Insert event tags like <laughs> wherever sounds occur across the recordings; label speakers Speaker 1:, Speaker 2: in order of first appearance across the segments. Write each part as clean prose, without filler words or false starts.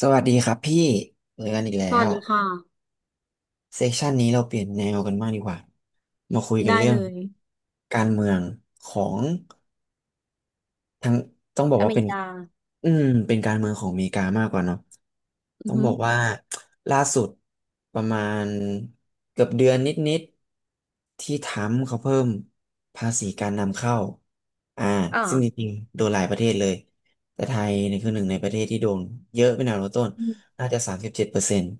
Speaker 1: สวัสดีครับพี่เจอกันอีกแล้
Speaker 2: สวัส
Speaker 1: ว
Speaker 2: ดีค่ะ
Speaker 1: เซสชันนี้เราเปลี่ยนแนวกันบ้างดีกว่ามาคุยกัน
Speaker 2: ได้
Speaker 1: เรื่อ
Speaker 2: เล
Speaker 1: ง
Speaker 2: ย
Speaker 1: การเมืองของ ทั้งต้องบอก
Speaker 2: อ
Speaker 1: ว่า
Speaker 2: เมริกา
Speaker 1: อืมเป็นการเมืองของอเมริกามากกว่าเนาะ
Speaker 2: อื
Speaker 1: ต้
Speaker 2: อ
Speaker 1: อง
Speaker 2: ฮึ
Speaker 1: บอกว่าล่าสุดประมาณเกือบเดือนนิดๆที่ทรัมป์เขาเพิ่มภาษีการนำเข้าอ่า
Speaker 2: อ่า
Speaker 1: ซึ่งจริงๆโดนหลายประเทศเลยแต่ไทยเนี่ยคือหนึ่งในประเทศที่โดนเยอะเป็นอันดับต้น
Speaker 2: อืม
Speaker 1: น่าจะ37%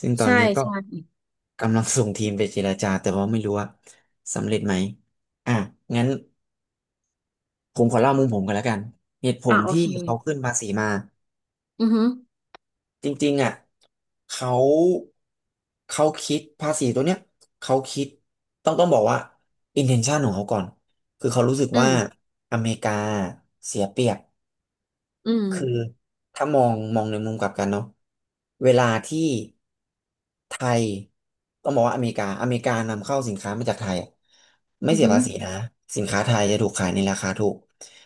Speaker 1: ซึ่งตอน
Speaker 2: ใช่
Speaker 1: เนี้ยก็
Speaker 2: ใช่
Speaker 1: กำลังส่งทีมไปเจรจาแต่ว่าไม่รู้ว่าสำเร็จไหมอ่ะงั้น ผมขอเล่ามุมผมกันแล้วกันเหตุผ
Speaker 2: อ่า
Speaker 1: ล
Speaker 2: โอ
Speaker 1: ที่
Speaker 2: เค
Speaker 1: เขาขึ้นภาษีมา
Speaker 2: อือฮึ
Speaker 1: จริงๆอ่ะเขาเขาคิดภาษีตัวเนี้ยเขาคิดต้องบอกว่า intention ของเขาก่อนคือเขารู้สึก
Speaker 2: อื
Speaker 1: ว่า
Speaker 2: ม
Speaker 1: อเมริกาเสียเปรียบ
Speaker 2: อื
Speaker 1: คือ
Speaker 2: ม
Speaker 1: ถ้ามองในมุมกลับกันเนาะเวลาที่ไทยต้องบอกว่าอเมริกานำเข้าสินค้ามาจากไทยอะไม่
Speaker 2: อือ
Speaker 1: เสีย
Speaker 2: ฮึ
Speaker 1: ภาษีนะสินค้าไทยจะถูกขายในราคาถูก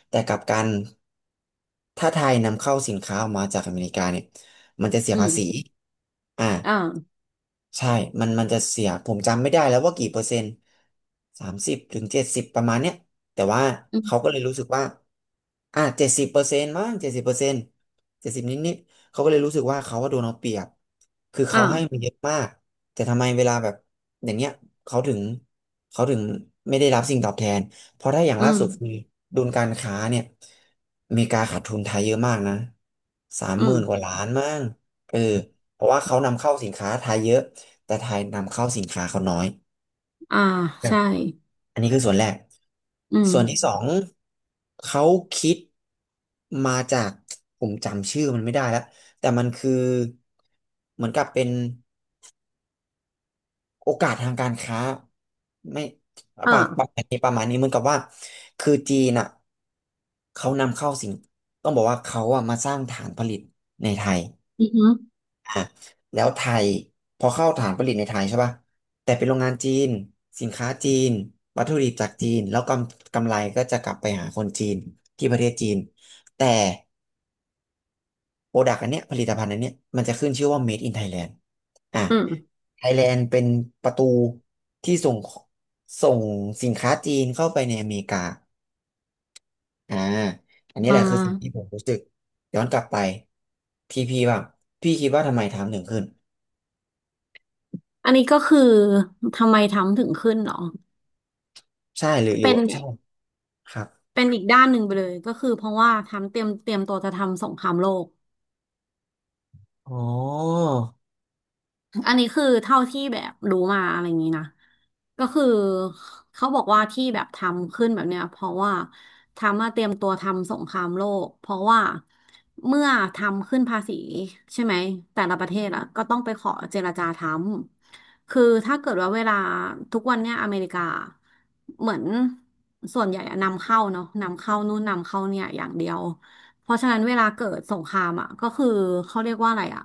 Speaker 1: แต่กลับกันถ้าไทยนำเข้าสินค้าออกมาจากอเมริกาเนี่ยมันจะเสีย
Speaker 2: อื
Speaker 1: ภาษี
Speaker 2: ม
Speaker 1: อ่า
Speaker 2: อ่า
Speaker 1: ใช่มันจะเสียผมจำไม่ได้แล้วว่ากี่เปอร์เซ็นต์30 ถึง 70ประมาณเนี้ย แต่ว่า
Speaker 2: อื
Speaker 1: เขาก็
Speaker 2: ม
Speaker 1: เลยรู้สึกว่าอ่ะเจ็ดสิบเปอร์เซ็นต์มั้งเจ็ดสิบเปอร์เซ็นต์เจ็ดสิบนิดๆเขาก็เลยรู้สึกว่าเขาว่าโดนเอาเปรียบ คือ
Speaker 2: อ่า
Speaker 1: เขาให้มาเยอะมากแต่ทำไมเวลาแบบอย่างเงี้ยเขาถึงเขาถึงไม่ได้รับสิ่งตอบแทนเพราะถ้าอย่าง
Speaker 2: อื
Speaker 1: ล่า
Speaker 2: ม
Speaker 1: สุดคือดุลการค้าเนี่ยอเมริกาขาดทุนไทยเยอะมากนะสาม
Speaker 2: อื
Speaker 1: หมื่
Speaker 2: ม
Speaker 1: นกว่าล้านมั้งเออเพราะว่าเขานำเข้าสินค้าไทยเยอะแต่ไทยนำเข้าสินค้าเขาน้อย
Speaker 2: อ่าใช่
Speaker 1: อันนี้คือส่วนแรก
Speaker 2: อืม
Speaker 1: ส่วนที่สองเขาคิดมาจากผมจำชื่อมันไม่ได้แล้วแต่มันคือเหมือนกับเป็นโอกาสทางการค้าไม่ประป
Speaker 2: อ่า
Speaker 1: ระมาณนี้ประมาณนี้เหมือนกับว่าคือจีนอ่ะเขานำเข้าสิ่งต้องบอกว่าเขาอ่ะมาสร้างฐานผลิตในไทย
Speaker 2: อือฮึ
Speaker 1: อ่ะแล้วไทยพอเข้าฐานผลิตในไทยใช่ป่ะแต่เป็นโรงงานจีนสินค้าจีนวัตถุดิบจากจีนแล้วกำไรก็จะกลับไปหาคนจีนที่ประเทศจีนแต่โปรดักต์อันเนี้ยผลิตภัณฑ์อันเนี้ยมันจะขึ้นชื่อว่า Made in Thailand อ่ะ
Speaker 2: อืม
Speaker 1: ไทยแลนด์เป็นประตูที่ส่งสินค้าจีนเข้าไปในอเมริกาอ่าอันนี้
Speaker 2: อ่
Speaker 1: แหละคือสิ่งที่ผ
Speaker 2: า
Speaker 1: มรู้สึกย้อนกลับไปพี่บ้างพี่คิดว่าทำไมไทม์ถึงขึ้น
Speaker 2: อันนี้ก็คือทำไมทำถึงขึ้นเหรอ
Speaker 1: ใช่หรือ
Speaker 2: เป็นแบ
Speaker 1: ใช่
Speaker 2: บ
Speaker 1: ครับ
Speaker 2: เป็นอีกด้านหนึ่งไปเลยก็คือเพราะว่าทำเตรียมตัวจะทำสงครามโลก
Speaker 1: อ๋อ
Speaker 2: อันนี้คือเท่าที่แบบรู้มาอะไรอย่างนี้นะก็คือเขาบอกว่าที่แบบทำขึ้นแบบเนี้ยเพราะว่าทำมาเตรียมตัวทำสงครามโลกเพราะว่าเมื่อทำขึ้นภาษีใช่ไหมแต่ละประเทศอะก็ต้องไปขอเจรจาทำคือถ้าเกิดว่าเวลาทุกวันเนี้ยอเมริกาเหมือนส่วนใหญ่อะนำเข้าเนาะนำเข้านู่นนำเข้าเนี่ยอย่างเดียวเพราะฉะนั้นเวลาเกิดสงครามอ่ะก็คือเขาเรียกว่าอะไรอ่ะ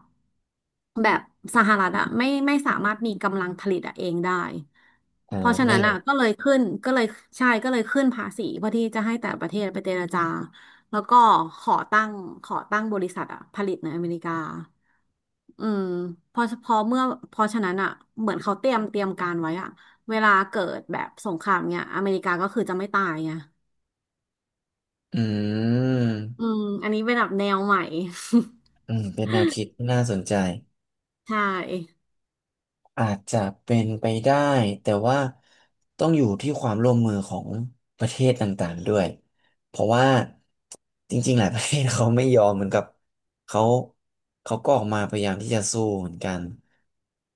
Speaker 2: แบบสหรัฐอ่ะไม่สามารถมีกำลังผลิตอะเองได้
Speaker 1: อ่า
Speaker 2: เพราะฉะ
Speaker 1: นั่
Speaker 2: นั้
Speaker 1: น
Speaker 2: น
Speaker 1: แห
Speaker 2: อ่ะ
Speaker 1: ละ
Speaker 2: ก็เลยขึ้นก็เลยใช่ก็เลยขึ้นภาษีเพื่อที่จะให้แต่ประเทศไปเจรจาแล้วก็ขอตั้งขอตั้งบริษัทอ่ะผลิตในอเมริกาอืมพอเมื่อเพอฉะนั้นอ่ะเหมือนเขาเตรียมการไว้อ่ะเวลาเกิดแบบสงครามเนี่ยอเมริกาก็คือจะไม่ตายไง
Speaker 1: อื
Speaker 2: อื
Speaker 1: ม
Speaker 2: มอันนี้เป็นแบบแนวใหม่
Speaker 1: อืมเป็นแนวคิดน่าสนใจ
Speaker 2: <laughs> ใช่
Speaker 1: อาจจะเป็นไปได้แต่ว่าต้องอยู่ที่ความร่วมมือของประเทศต่างๆด้วยเพราะว่าจริงๆหลาย <laughs> ประเทศเขาไม่ยอมเหมือนกับเขาเขาก็ออกมาพยายามที่จะสู้เหมือนกัน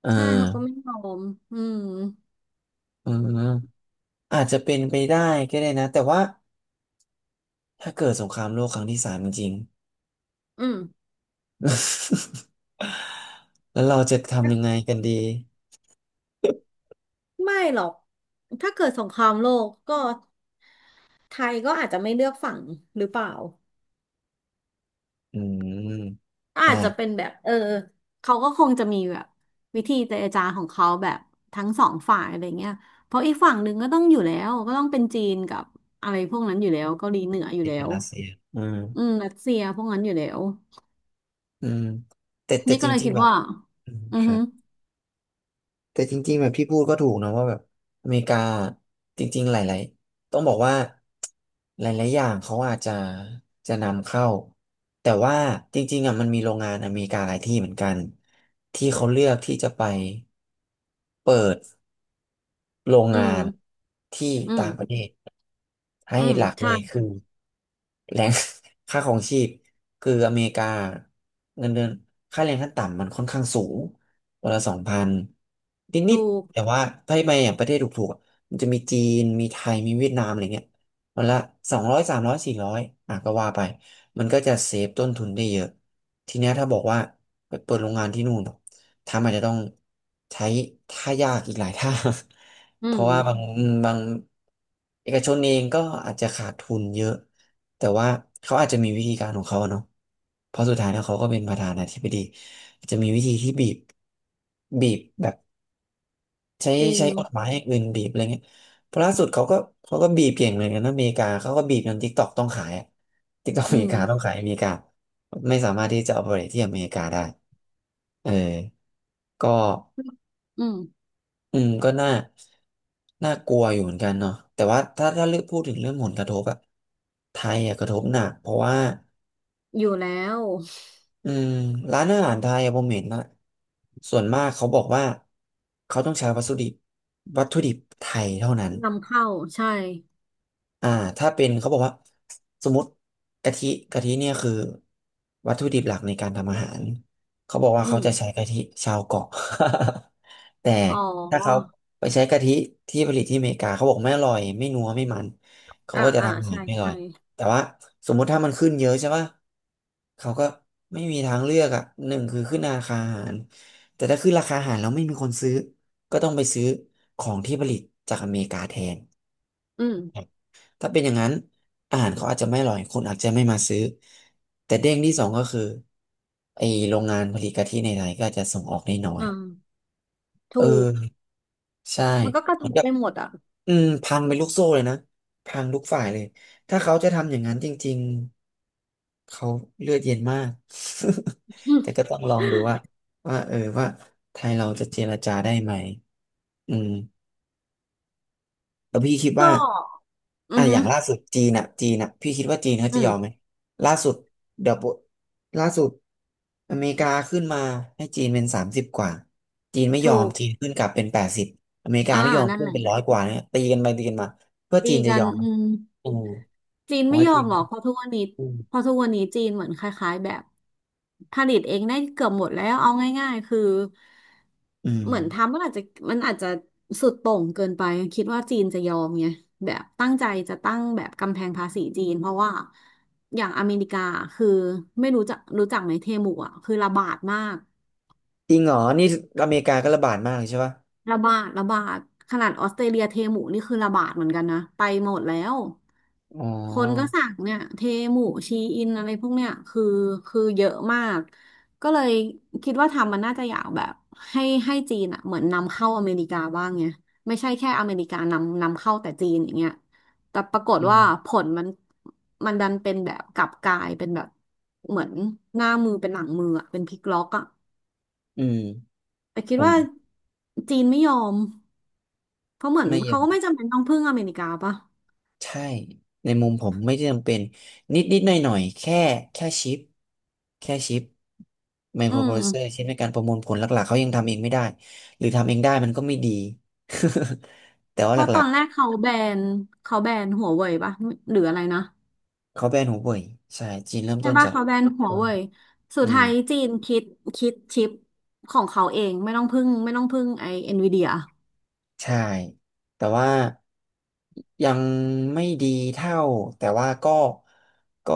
Speaker 1: เออ
Speaker 2: ใช่เขาก็ไม่ยอมอืม
Speaker 1: เอืมอาจจะเป็นไปได้ก็ได้นะแต่ว่าถ้าเกิดสงครามโลกครั้งที่สามจริง
Speaker 2: อืม
Speaker 1: <laughs> แล้วเราจะทำยังไงกันดี
Speaker 2: ไม่หรอกถ้าเกิดสงครามโลกก็ไทยก็อาจจะไม่เลือกฝั่งหรือเปล่า
Speaker 1: อืม
Speaker 2: อาจจะเป็
Speaker 1: อ่า
Speaker 2: นแบบเออเขาก็คงจะมีแบบวิธีเจรจาของเขาแบบทั้งสองฝ่ายอะไรเงี้ยเพราะอีกฝั่งหนึ่งก็ต้องอยู่แล้วก็ต้องเป็นจีนกับอะไรพวกนั้นอยู่แล้วเกาหลีเหนืออยู่
Speaker 1: นี่
Speaker 2: แล้
Speaker 1: เป็น
Speaker 2: ว
Speaker 1: รัสเซียอืม
Speaker 2: อืมรัสเซียพวกนั้นอยู่แล้ว
Speaker 1: อืมแต่
Speaker 2: นี่
Speaker 1: จ
Speaker 2: ก็เลย
Speaker 1: ริง
Speaker 2: คิด
Speaker 1: ๆแบบ
Speaker 2: ว่า
Speaker 1: อืม
Speaker 2: อือ
Speaker 1: ครั
Speaker 2: ฮึ
Speaker 1: บแต่จริงๆแบบพี่พูดก็ถูกนะว่าแบบอเมริกาจริงๆหลายๆต้องบอกว่าหลายๆอย่างเขาอาจจะนำเข้าแต่ว่าจริงๆอ่ะมันมีโรงงานอเมริกาหลายที่เหมือนกันที่เขาเลือกที่จะไปเปิด โรง
Speaker 2: อื
Speaker 1: งา
Speaker 2: ม
Speaker 1: นที่
Speaker 2: อืม
Speaker 1: ต่างประเทศให้
Speaker 2: อืม
Speaker 1: หลักเล
Speaker 2: ใช่
Speaker 1: ยคือแรง <laughs> ค่าของชีพคืออเมริกาเงินเดือนค่าแรงขั้นต่ำมันค่อนข้างสูงวันละ2,000นิ
Speaker 2: ถู
Speaker 1: ด
Speaker 2: ก
Speaker 1: ๆแต่ว่าถ้าไปอย่างประเทศถูกๆอะมันจะมีจีนมีไทยมีเวียดนามอะไรเงี้ยวันละ200300400อ่ะก็ว่าไปมันก็จะเซฟต้นทุนได้เยอะทีเนี้ยถ้าบอกว่าไปเปิดโรงงานที่นู่น ถ้ามันจะต้องใช้ท่ายากอีกหลายท่า
Speaker 2: อื
Speaker 1: <laughs> เพ
Speaker 2: ม
Speaker 1: ราะว่าบางเอกชนเองก็อาจจะขาดทุนเยอะ แต่ว่าเขาอาจจะมีวิธีการของเขาอะเนาะเพราะสุดท้ายแล้วเขาก็เป็นประธานาธิบดีจะมีวิธีที่บีบแบบใช้
Speaker 2: จริง
Speaker 1: ใช้กฎหมายอย่างอื่นบีบอะไรเงี้ยเพราะล่าสุดเขาก็บีบเก่งเหมือนกันนะอเมริกาเขาก็บีบจนทิกตอกต้องขายทิกตอกอ
Speaker 2: อื
Speaker 1: เมริ
Speaker 2: ม
Speaker 1: กาต้องขายอเมริกาไม่สามารถที่จะ operate ที่อเมริกาได้เออก็
Speaker 2: อืม
Speaker 1: น่าน่ากลัวอยู่เหมือนกันเนาะแต่ว่าถ้าเลือกพูดถึงเรื่องผลกระทบอะไทยอะกระทบหนักเพราะว่า
Speaker 2: อยู่แล้ว
Speaker 1: อืมร้านอาหารไทยอะผมเห็นนะส่วนมากเขาบอกว่าเขาต้องใช้วัตถุดิบไทยเท่านั้น
Speaker 2: นำเข้าใช่
Speaker 1: อ่าถ้าเป็นเขาบอกว่าสมมติกะทิเนี่ยคือวัตถุดิบหลักในการทำอาหารเขาบอกว่า
Speaker 2: อื
Speaker 1: เขา
Speaker 2: ม
Speaker 1: จะใช้กะทิชาวเกาะ <laughs> แต่
Speaker 2: อ๋อ
Speaker 1: ถ้าเขาไปใช้กะทิที่ผลิตที่อเมริกาเขาบอกไม่อร่อยไม่นัวไม่มันเขา
Speaker 2: อ่า
Speaker 1: ก็จะ
Speaker 2: อ่า
Speaker 1: ทำอาหา
Speaker 2: ใช่
Speaker 1: รไม่อร่
Speaker 2: ใช่
Speaker 1: อยแต่ว่าสมมุติถ้ามันขึ้นเยอะใช่ป่ะเขาก็ไม่มีทางเลือกอ่ะหนึ่งคือขึ้นราคาอาหารแต่ถ้าขึ้นราคาอาหารแล้วไม่มีคนซื้อก็ต้องไปซื้อของที่ผลิตจากอเมริกาแทน
Speaker 2: อืม
Speaker 1: ถ้าเป็นอย่างนั้นอาหารเขาอาจจะไม่อร่อยคนอาจจะไม่มาซื้อแต่เด้งที่สองก็คือไอโรงงานผลิตกะทิในไทยก็อาจจะส่งออกได้น้อย
Speaker 2: อ่า
Speaker 1: เออ
Speaker 2: ถูก
Speaker 1: ใช่
Speaker 2: มันก็กระ
Speaker 1: เห
Speaker 2: ท
Speaker 1: มือน
Speaker 2: บ
Speaker 1: กับ
Speaker 2: ไปหมดอ่ะ
Speaker 1: อืมพังเป็นลูกโซ่เลยนะพังทุกฝ่ายเลยถ้าเขาจะทำอย่างนั้นจริงๆเขาเลือดเย็นมาก
Speaker 2: อื
Speaker 1: <laughs> แต่ก็
Speaker 2: ม
Speaker 1: ต้องลองดูว่าว่าไทยเราจะเจรจาได้ไหมอืม แล้วพี่คิด
Speaker 2: ก็
Speaker 1: ว่า
Speaker 2: อื
Speaker 1: อ่ะ
Speaker 2: อ
Speaker 1: อ
Speaker 2: หื
Speaker 1: ย่า
Speaker 2: อ
Speaker 1: งล่าสุดจีนอ่ะพี่คิดว่าจีนเขา
Speaker 2: อื
Speaker 1: จะย
Speaker 2: ม
Speaker 1: อมไหมล่าสุดเดี๋ยวปุ๊บล่าสุดอเมริกาขึ้นมาให้จีนเป็น30 กว่าจีนไม่ยอ
Speaker 2: ถู
Speaker 1: ม
Speaker 2: ก
Speaker 1: จีนขึ้นกลับเป็น80อเมริกา
Speaker 2: อ่า
Speaker 1: ไม่ยอม
Speaker 2: นั่น
Speaker 1: ขึ้
Speaker 2: แห
Speaker 1: น
Speaker 2: ละ
Speaker 1: เป็น100 กว่าเนี่ยตีกันไปตีกันมาเพื่อจี
Speaker 2: ตี
Speaker 1: นจะ
Speaker 2: กั
Speaker 1: ย
Speaker 2: น
Speaker 1: อมไหม
Speaker 2: อืม
Speaker 1: อืม
Speaker 2: จีน
Speaker 1: ผม
Speaker 2: ไม่
Speaker 1: ว่า
Speaker 2: ยอ
Speaker 1: จี
Speaker 2: ม
Speaker 1: น
Speaker 2: หรอกเพราะทุกวันนี้
Speaker 1: อืม
Speaker 2: เพราะทุกวันนี้จีนเหมือนคล้ายๆแบบผลิตเองได้เกือบหมดแล้วเอาง่ายๆคือ
Speaker 1: อืม
Speaker 2: เหมือนทำมันอาจจะสุดโต่งเกินไปคิดว่าจีนจะยอมไงแบบตั้งใจจะตั้งแบบกำแพงภาษีจีนเพราะว่าอย่างอเมริกาคือไม่รู้จักไหมเทมูอ่ะคือระบาดมาก
Speaker 1: จริงเหรอนี่อเมริกาก็ระบาดมากเลยใช่ปะ
Speaker 2: ระบาดขนาดออสเตรเลียเทหมูนี่คือระบาดเหมือนกันนะไปหมดแล้ว
Speaker 1: อ๋
Speaker 2: คนก็
Speaker 1: อ
Speaker 2: สั่งเนี่ยเทหมูชีอินอะไรพวกเนี่ยคือคือเยอะมากก็เลยคิดว่าทำมันน่าจะอยากแบบให้จีนอ่ะเหมือนนำเข้าอเมริกาบ้างไงไม่ใช่แค่อเมริกานำเข้าแต่จีนอย่างเงี้ยแต่ปรากฏ
Speaker 1: อื
Speaker 2: ว่า
Speaker 1: ม
Speaker 2: ผลมันมันดันเป็นแบบกลับกลายเป็นแบบเหมือนหน้ามือเป็นหลังมืออ่ะเป็นพลิกล็อกอ่ะ
Speaker 1: อืม
Speaker 2: แต่คิ
Speaker 1: ผ
Speaker 2: ด
Speaker 1: ม
Speaker 2: ว่าจีนไม่ยอม เขาเหมือน
Speaker 1: ไม่เยี่
Speaker 2: เขา
Speaker 1: ยม
Speaker 2: ก็ไม่จำเป็นต้องพึ่งอเมริกาป่ะ
Speaker 1: ใช่ในมุมผมไม่จำเป็นนิดนิดหน่อยหน่อยๆแค่แค่ชิปแค่ชิปไมโค
Speaker 2: อื
Speaker 1: รโป
Speaker 2: ม
Speaker 1: รเซสเซอร์ชิปในการประมวลผลหลักๆเขายังทำเองไม่ได้หรือทำเองได้มันก็ไม่ดี <laughs> แต่ว่า
Speaker 2: เพ
Speaker 1: ห
Speaker 2: ราะต
Speaker 1: ลั
Speaker 2: อ
Speaker 1: ก
Speaker 2: นแรกเขาแบนเขาแบนหัวเว่ยป่ะหรืออะไรนะ
Speaker 1: ๆเขาแบนหูเว่ยใช่จีนเริ่ม
Speaker 2: ใช่
Speaker 1: ต้น
Speaker 2: ป่ะ
Speaker 1: จาก
Speaker 2: เขาแบนหัวเว่ยสุ
Speaker 1: อื
Speaker 2: ดท้าย
Speaker 1: ม
Speaker 2: จีนคิดคิดชิปของเขาเองไม่ต้องพึ่งไอเอ็นวีเดีย
Speaker 1: ใช่แต่ว่ายังไม่ดีเท่าแต่ว่าก็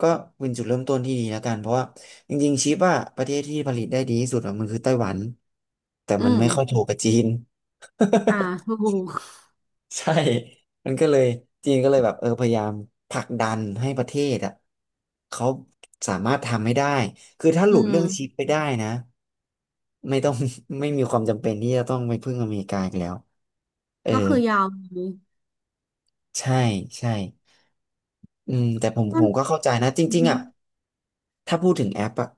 Speaker 1: ก็เป็นจุดเริ่มต้นที่ดีแล้วกันเพราะว่าจริงๆชิปอะประเทศที่ผลิตได้ดีที่สุดอะมันคือไต้หวันแต่
Speaker 2: อื
Speaker 1: มัน
Speaker 2: ม
Speaker 1: ไม่ค่อยถูกกับจีน
Speaker 2: อ่าถูก
Speaker 1: <laughs> ใช่มันก็เลยจีนก็เลยแบบเออพยายามผลักดันให้ประเทศอะเขาสามารถทำให้ได้คือถ้าห
Speaker 2: อื
Speaker 1: ลุดเรื่องชิ
Speaker 2: ม
Speaker 1: ปไปได้นะไม่ต้อง <laughs> ไม่มีความจำเป็นที่จะต้องไปพึ่งอเมริกาอีกแล้วเออ
Speaker 2: ก็คือยาวเลย
Speaker 1: ใช่ใช่อืมแต่ผม
Speaker 2: ก็
Speaker 1: ผมก็เข้าใจนะจ
Speaker 2: อือ
Speaker 1: ริง
Speaker 2: ฮึ
Speaker 1: ๆอ่ะถ้าพูดถึงแอปอ่ะ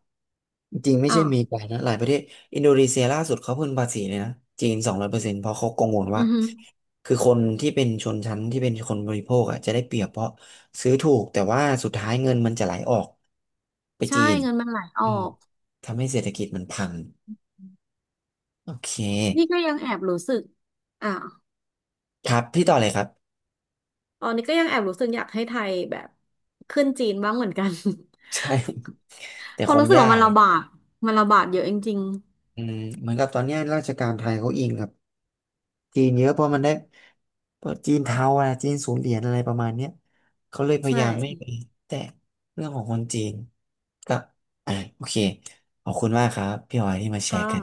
Speaker 1: จริงๆไม่ใช่
Speaker 2: อ่า
Speaker 1: มีไปนะหลายประเทศอินโดนีเซียล่าสุดเขาเพิ่งภาษีเลยนะจีน200%เพราะเขากังวลว่า
Speaker 2: อือฮึ
Speaker 1: คือคนที่เป็นชนชั้นที่เป็นคนบริโภคอ่ะจะได้เปรียบเพราะซื้อถูกแต่ว่าสุดท้ายเงินมันจะไหลออกไป
Speaker 2: ใช่
Speaker 1: จีน
Speaker 2: เงินมันไหลอ
Speaker 1: อื
Speaker 2: อ
Speaker 1: ม
Speaker 2: ก
Speaker 1: ทำให้เศรษฐกิจมันพังโอเค
Speaker 2: นี่ก็ยังแอบรู้สึกอ่า
Speaker 1: ครับพี่ต่อเลยครับ
Speaker 2: ตอนนี้ก็ยังแอบรู้สึกอยากให้ไทยแบบขึ้นจีนบ้างเหมือนกัน
Speaker 1: <laughs> ใช่ <laughs> แต่
Speaker 2: เพ
Speaker 1: ค
Speaker 2: ราะ
Speaker 1: ง
Speaker 2: รู้สึก
Speaker 1: ยา
Speaker 2: ว่ามั
Speaker 1: ก
Speaker 2: นระบาดเยอะจริง
Speaker 1: อืมเหมือนกับตอนเนี้ยราชการไทยเขาอิงกับ จีนเยอะเพราะมันได้เพราะจีนเทาอะจีนศูนย์เหรียญอะไรประมาณเนี้ยเขาเลยพ
Speaker 2: ๆ
Speaker 1: ยา
Speaker 2: ใช่
Speaker 1: ยามไม่ไปแตะเรื่องของคนจีนก็อ่ะโอเคขอบคุณมากครับพี่ออยที่มาแช
Speaker 2: ค่ะ
Speaker 1: ร์กัน